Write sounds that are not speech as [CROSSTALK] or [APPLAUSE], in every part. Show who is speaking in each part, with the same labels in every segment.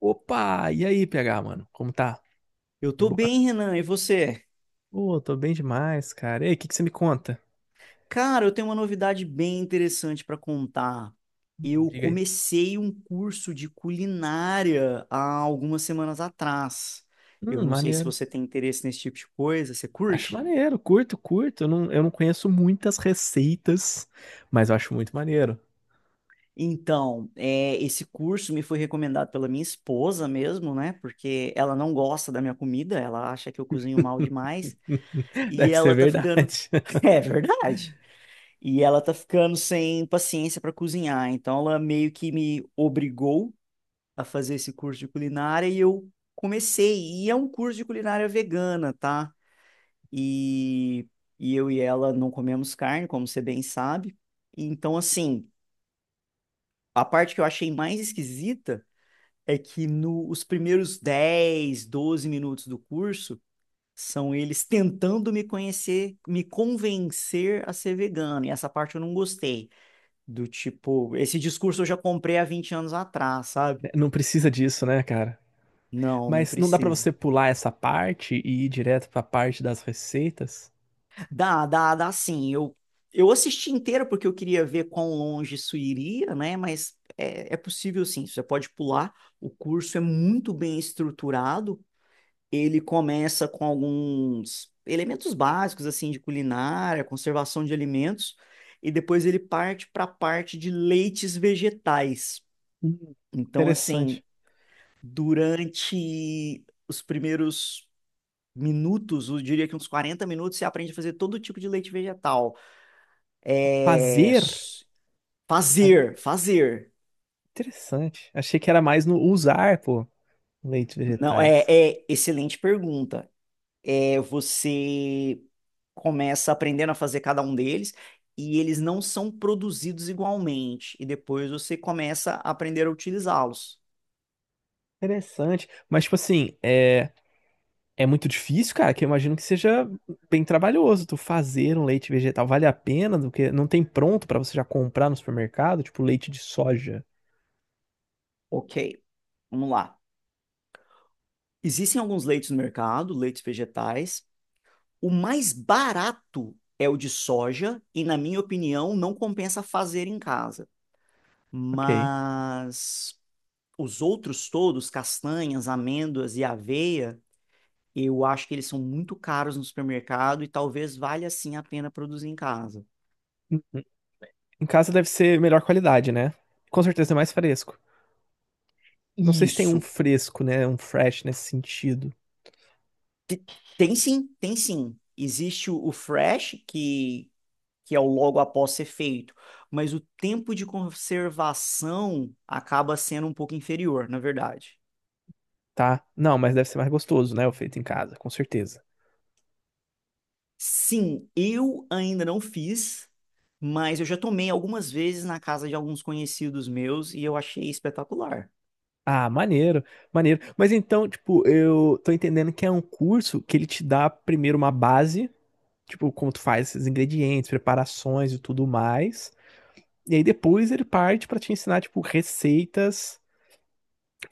Speaker 1: Opa! E aí, PH, mano? Como tá?
Speaker 2: Eu
Speaker 1: De
Speaker 2: tô
Speaker 1: boa?
Speaker 2: bem, Renan, e você?
Speaker 1: Pô, tô bem demais, cara. E aí, o que que você me conta?
Speaker 2: Cara, eu tenho uma novidade bem interessante para contar. Eu
Speaker 1: Diga aí.
Speaker 2: comecei um curso de culinária há algumas semanas atrás. Eu não sei se
Speaker 1: Maneiro.
Speaker 2: você tem interesse nesse tipo de coisa, você
Speaker 1: Acho
Speaker 2: curte?
Speaker 1: maneiro, curto, curto. Eu não conheço muitas receitas, mas eu acho muito maneiro.
Speaker 2: Então, esse curso me foi recomendado pela minha esposa mesmo, né? Porque ela não gosta da minha comida, ela acha que eu cozinho mal demais
Speaker 1: [LAUGHS]
Speaker 2: e
Speaker 1: Deve ser
Speaker 2: ela tá
Speaker 1: verdade.
Speaker 2: ficando.
Speaker 1: [LAUGHS]
Speaker 2: [LAUGHS] É verdade. E ela tá ficando sem paciência para cozinhar, então ela meio que me obrigou a fazer esse curso de culinária e eu comecei. E é um curso de culinária vegana, tá? E, e eu e ela não comemos carne, como você bem sabe. Então, assim, a parte que eu achei mais esquisita é que nos primeiros 10, 12 minutos do curso são eles tentando me conhecer, me convencer a ser vegano, e essa parte eu não gostei. Do tipo, esse discurso eu já comprei há 20 anos atrás, sabe?
Speaker 1: Não precisa disso, né, cara?
Speaker 2: Não, não
Speaker 1: Mas não dá pra
Speaker 2: precisa.
Speaker 1: você pular essa parte e ir direto pra parte das receitas?
Speaker 2: Dá, dá, dá sim. Eu assisti inteiro porque eu queria ver quão longe isso iria, né? Mas é possível sim, você pode pular. O curso é muito bem estruturado. Ele começa com alguns elementos básicos, assim, de culinária, conservação de alimentos, e depois ele parte para a parte de leites vegetais.
Speaker 1: Hum,
Speaker 2: Então, assim,
Speaker 1: interessante.
Speaker 2: durante os primeiros minutos, eu diria que uns 40 minutos, você aprende a fazer todo tipo de leite vegetal. É...
Speaker 1: Fazer? Ah,
Speaker 2: Fazer, fazer.
Speaker 1: interessante. Achei que era mais no usar, pô. Leite
Speaker 2: Não, é,
Speaker 1: vegetais.
Speaker 2: é excelente pergunta. É, você começa aprendendo a fazer cada um deles e eles não são produzidos igualmente. E depois você começa a aprender a utilizá-los.
Speaker 1: Interessante. Mas, tipo assim, é muito difícil, cara, que eu imagino que seja bem trabalhoso tu fazer um leite vegetal. Vale a pena? Do que não tem pronto pra você já comprar no supermercado, tipo leite de soja.
Speaker 2: Ok, vamos lá. Existem alguns leites no mercado, leites vegetais. O mais barato é o de soja, e na minha opinião, não compensa fazer em casa.
Speaker 1: Ok.
Speaker 2: Mas os outros todos, castanhas, amêndoas e aveia, eu acho que eles são muito caros no supermercado e talvez valha sim a pena produzir em casa.
Speaker 1: Em casa deve ser melhor qualidade, né? Com certeza é mais fresco. Não sei se tem um
Speaker 2: Isso.
Speaker 1: fresco, né? Um fresh nesse sentido,
Speaker 2: Tem sim, tem sim. Existe o fresh, que é o logo após ser feito, mas o tempo de conservação acaba sendo um pouco inferior, na verdade.
Speaker 1: tá? Não, mas deve ser mais gostoso, né? O feito em casa, com certeza.
Speaker 2: Sim, eu ainda não fiz, mas eu já tomei algumas vezes na casa de alguns conhecidos meus e eu achei espetacular.
Speaker 1: Ah, maneiro, maneiro. Mas então, tipo, eu tô entendendo que é um curso que ele te dá primeiro uma base, tipo, como tu faz esses ingredientes, preparações e tudo mais. E aí depois ele parte pra te ensinar, tipo, receitas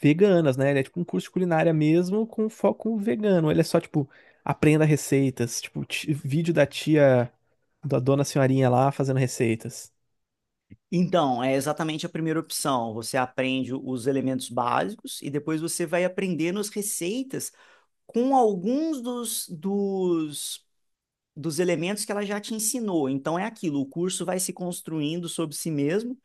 Speaker 1: veganas, né? Ele é tipo um curso de culinária mesmo com foco vegano. Ele é só, tipo, aprenda receitas, tipo, vídeo da tia, da dona senhorinha lá fazendo receitas.
Speaker 2: Então, é exatamente a primeira opção. Você aprende os elementos básicos e depois você vai aprendendo as receitas com alguns dos elementos que ela já te ensinou. Então, é aquilo, o curso vai se construindo sobre si mesmo.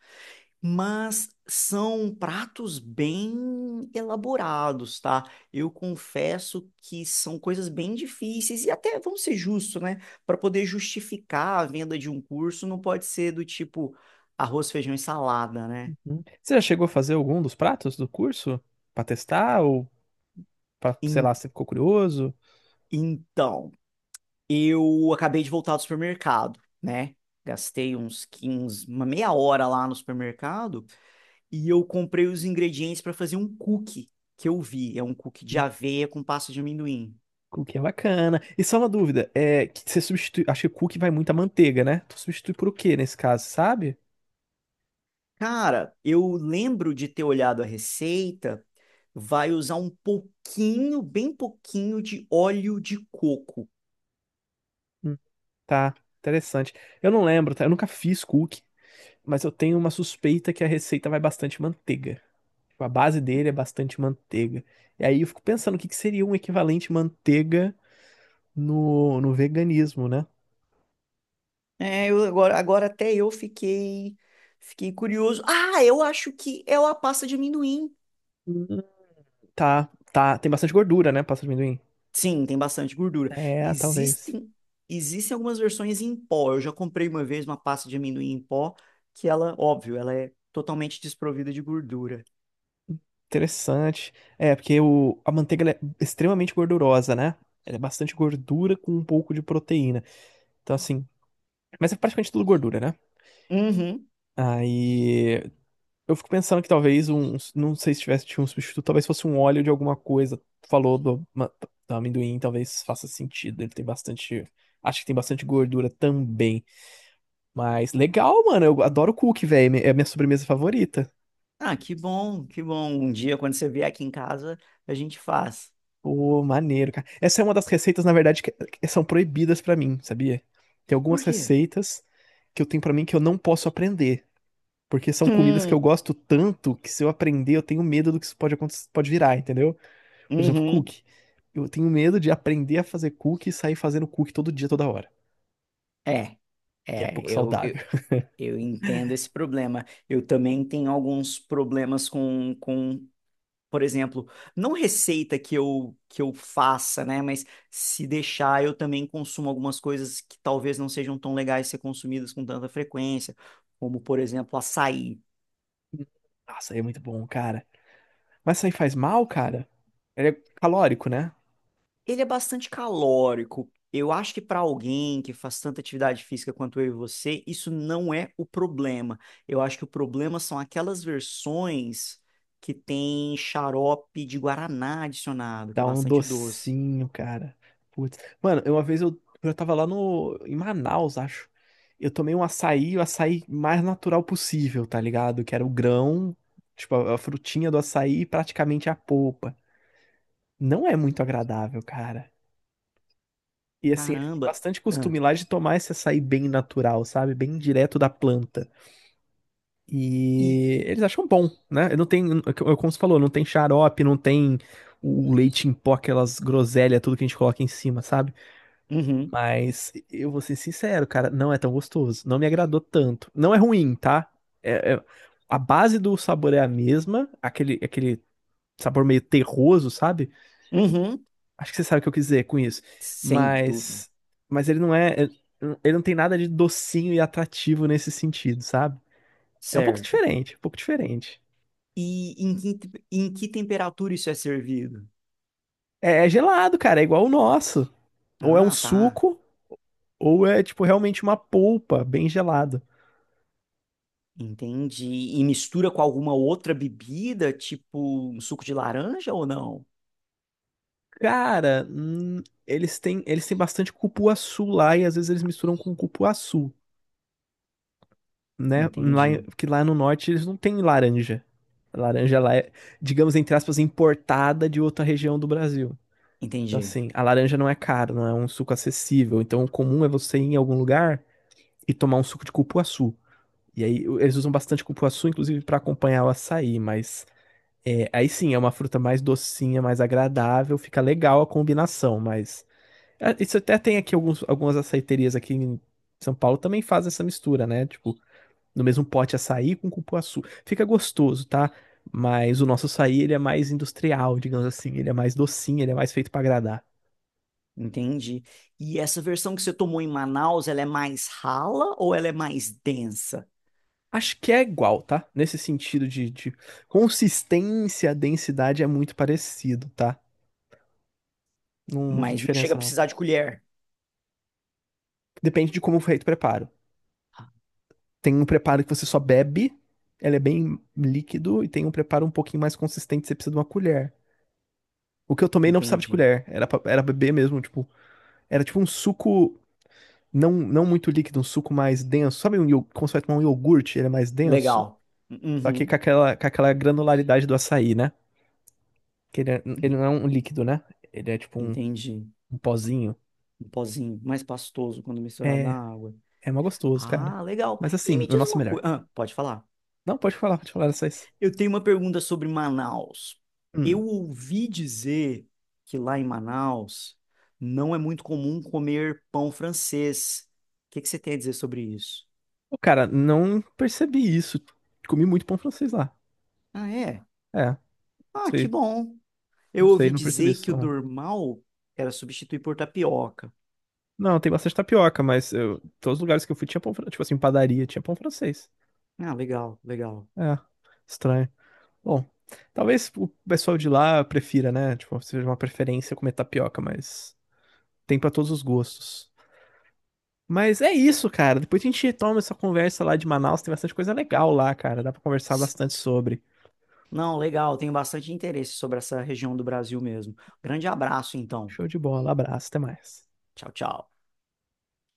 Speaker 2: Mas são pratos bem elaborados, tá? Eu confesso que são coisas bem difíceis e até vamos ser justos, né? Para poder justificar a venda de um curso, não pode ser do tipo arroz, feijão e salada, né?
Speaker 1: Uhum. Você já chegou a fazer algum dos pratos do curso? Pra testar ou pra, sei lá,
Speaker 2: En-
Speaker 1: você ficou curioso?
Speaker 2: então, eu acabei de voltar do supermercado, né? Gastei uns 15, uma meia hora lá no supermercado e eu comprei os ingredientes para fazer um cookie que eu vi. É um cookie de aveia com pasta de amendoim.
Speaker 1: Cookie é bacana. E só uma dúvida, é que você substitui, acho que cookie vai muito muita manteiga, né? Tu substitui por o quê nesse caso, sabe?
Speaker 2: Cara, eu lembro de ter olhado a receita, vai usar um pouquinho, bem pouquinho de óleo de coco.
Speaker 1: Hum, tá, interessante. Eu não lembro, tá? Eu nunca fiz cookie, mas eu tenho uma suspeita que a receita vai bastante manteiga. Tipo, a base dele é bastante manteiga. E aí eu fico pensando o que que seria um equivalente manteiga no veganismo, né?
Speaker 2: É, eu agora até eu fiquei curioso. Ah, eu acho que é a pasta de amendoim.
Speaker 1: Hum, tá, tá, tem bastante gordura, né? Pasta de amendoim.
Speaker 2: Sim, tem bastante gordura.
Speaker 1: É, talvez.
Speaker 2: Existem, existem algumas versões em pó. Eu já comprei uma vez uma pasta de amendoim em pó, que ela, óbvio, ela é totalmente desprovida de gordura.
Speaker 1: Interessante. É, porque a manteiga ela é extremamente gordurosa, né? Ela é bastante gordura com um pouco de proteína. Então, assim. Mas é praticamente tudo gordura, né?
Speaker 2: Uhum.
Speaker 1: Aí. Eu fico pensando que não sei se tivesse tinha um substituto, talvez fosse um óleo de alguma coisa. Tu falou do do amendoim, talvez faça sentido. Ele tem bastante. Acho que tem bastante gordura também. Mas legal, mano. Eu adoro cookie, velho. É a minha sobremesa favorita.
Speaker 2: Ah, que bom, que bom. Um dia, quando você vier aqui em casa, a gente faz.
Speaker 1: Pô, maneiro, cara. Essa é uma das receitas, na verdade, que são proibidas pra mim, sabia? Tem
Speaker 2: Por
Speaker 1: algumas
Speaker 2: quê?
Speaker 1: receitas que eu tenho pra mim que eu não posso aprender, porque são comidas que
Speaker 2: Hum,
Speaker 1: eu gosto tanto que se eu aprender eu tenho medo do que isso pode acontecer, pode virar, entendeu? Por exemplo,
Speaker 2: uhum.
Speaker 1: cookie. Eu tenho medo de aprender a fazer cookie e sair fazendo cookie todo dia, toda hora,
Speaker 2: É,
Speaker 1: que é
Speaker 2: é,
Speaker 1: pouco
Speaker 2: eu,
Speaker 1: saudável.
Speaker 2: eu, eu entendo esse problema. Eu também tenho alguns problemas por exemplo, não receita que que eu faça, né? Mas se deixar, eu também consumo algumas coisas que talvez não sejam tão legais ser consumidas com tanta frequência, como, por exemplo, açaí.
Speaker 1: [LAUGHS] Nossa, é muito bom, cara. Mas isso aí faz mal, cara? Ele é calórico, né?
Speaker 2: Ele é bastante calórico. Eu acho que para alguém que faz tanta atividade física quanto eu e você, isso não é o problema. Eu acho que o problema são aquelas versões que tem xarope de guaraná adicionado, que é
Speaker 1: Dá um
Speaker 2: bastante doce.
Speaker 1: docinho, cara. Putz. Mano, uma vez eu tava lá no, em Manaus, acho. Eu tomei um açaí, o açaí mais natural possível, tá ligado? Que era o grão, tipo, a frutinha do açaí e praticamente a polpa. Não é muito agradável, cara. E assim, eles têm
Speaker 2: Caramba!
Speaker 1: bastante
Speaker 2: Ah,
Speaker 1: costume lá de tomar esse açaí bem natural, sabe? Bem direto da planta.
Speaker 2: e
Speaker 1: E eles acham bom, né? Não tem, como você falou, não tem xarope, não tem o leite em pó, aquelas groselhas, tudo que a gente coloca em cima, sabe?
Speaker 2: uhum,
Speaker 1: Mas eu vou ser sincero, cara, não é tão gostoso. Não me agradou tanto. Não é ruim, tá? É- é- a base do sabor é a mesma, aquele sabor meio terroso, sabe?
Speaker 2: uhum,
Speaker 1: Acho que você sabe o que eu quis dizer com isso.
Speaker 2: sem dúvida.
Speaker 1: Mas, mas ele ele não tem nada de docinho e atrativo nesse sentido, sabe? É um pouco
Speaker 2: Certo.
Speaker 1: diferente, um pouco diferente.
Speaker 2: E em que temperatura isso é servido?
Speaker 1: É, é gelado, cara, é igual o nosso. Ou é um
Speaker 2: Ah, tá.
Speaker 1: suco, ou é tipo realmente uma polpa bem gelada.
Speaker 2: Entendi. E mistura com alguma outra bebida, tipo um suco de laranja ou não?
Speaker 1: Cara, eles têm bastante cupuaçu lá e às vezes eles misturam com cupuaçu, né? Lá,
Speaker 2: Entendi.
Speaker 1: porque lá no norte eles não têm laranja. A laranja lá é, digamos, entre aspas, importada de outra região do Brasil. Então,
Speaker 2: Entendi.
Speaker 1: assim, a laranja não é cara, não é um suco acessível. Então, o comum é você ir em algum lugar e tomar um suco de cupuaçu. E aí eles usam bastante cupuaçu, inclusive, para acompanhar o açaí, mas é, aí sim, é uma fruta mais docinha, mais agradável, fica legal a combinação, mas. É, isso até tem aqui algumas açaiterias aqui em São Paulo também fazem essa mistura, né? Tipo, no mesmo pote açaí com cupuaçu. Fica gostoso, tá? Mas o nosso açaí, ele é mais industrial, digamos assim. Ele é mais docinho, ele é mais feito pra agradar.
Speaker 2: Entendi. E essa versão que você tomou em Manaus, ela é mais rala ou ela é mais densa?
Speaker 1: Acho que é igual, tá? Nesse sentido de consistência, densidade é muito parecido, tá? Não, não vi
Speaker 2: Mas não chega
Speaker 1: diferença,
Speaker 2: a
Speaker 1: não.
Speaker 2: precisar de colher.
Speaker 1: Depende de como foi feito o preparo.
Speaker 2: Ah,
Speaker 1: Tem um preparo que você só bebe, ele é bem líquido, e tem um preparo um pouquinho mais consistente, você precisa de uma colher. O que eu tomei não precisava de
Speaker 2: entendi.
Speaker 1: colher, era, era beber mesmo, tipo, era tipo um suco não, não muito líquido, um suco mais denso. Sabe um, como você vai tomar um iogurte, ele é mais denso?
Speaker 2: Legal.
Speaker 1: Só que
Speaker 2: Uhum.
Speaker 1: com aquela granularidade do açaí, né? Que ele, ele não é um líquido, né? Ele é tipo um,
Speaker 2: Entendi.
Speaker 1: um pozinho.
Speaker 2: Um pozinho mais pastoso quando misturado
Speaker 1: É,
Speaker 2: na água.
Speaker 1: é mó gostoso, cara.
Speaker 2: Ah, legal.
Speaker 1: Mas
Speaker 2: E
Speaker 1: assim,
Speaker 2: me
Speaker 1: o
Speaker 2: diz
Speaker 1: nosso é
Speaker 2: uma
Speaker 1: melhor.
Speaker 2: coisa. Ah, pode falar.
Speaker 1: Não, pode falar dessas.
Speaker 2: Eu tenho uma pergunta sobre Manaus. Eu
Speaker 1: Hum.
Speaker 2: ouvi dizer que lá em Manaus não é muito comum comer pão francês. O que que você tem a dizer sobre isso?
Speaker 1: Pô, cara, não percebi isso. Comi muito pão francês lá.
Speaker 2: Ah, é?
Speaker 1: É, não
Speaker 2: Ah, que
Speaker 1: sei,
Speaker 2: bom.
Speaker 1: não
Speaker 2: Eu
Speaker 1: sei,
Speaker 2: ouvi
Speaker 1: não percebi
Speaker 2: dizer que
Speaker 1: isso.
Speaker 2: o normal era substituir por tapioca.
Speaker 1: Não, tem bastante tapioca, mas todos os lugares que eu fui tinha pão, tipo assim, padaria, tinha pão francês.
Speaker 2: Ah, legal, legal.
Speaker 1: É, estranho. Bom, talvez o pessoal de lá prefira, né? Tipo, seja uma preferência comer tapioca, mas tem pra todos os gostos. Mas é isso, cara. Depois a gente retoma essa conversa lá de Manaus, tem bastante coisa legal lá, cara. Dá pra conversar
Speaker 2: S-
Speaker 1: bastante sobre.
Speaker 2: Não, legal. Tenho bastante interesse sobre essa região do Brasil mesmo. Grande abraço, então.
Speaker 1: Show de bola, abraço, até mais.
Speaker 2: Tchau, tchau.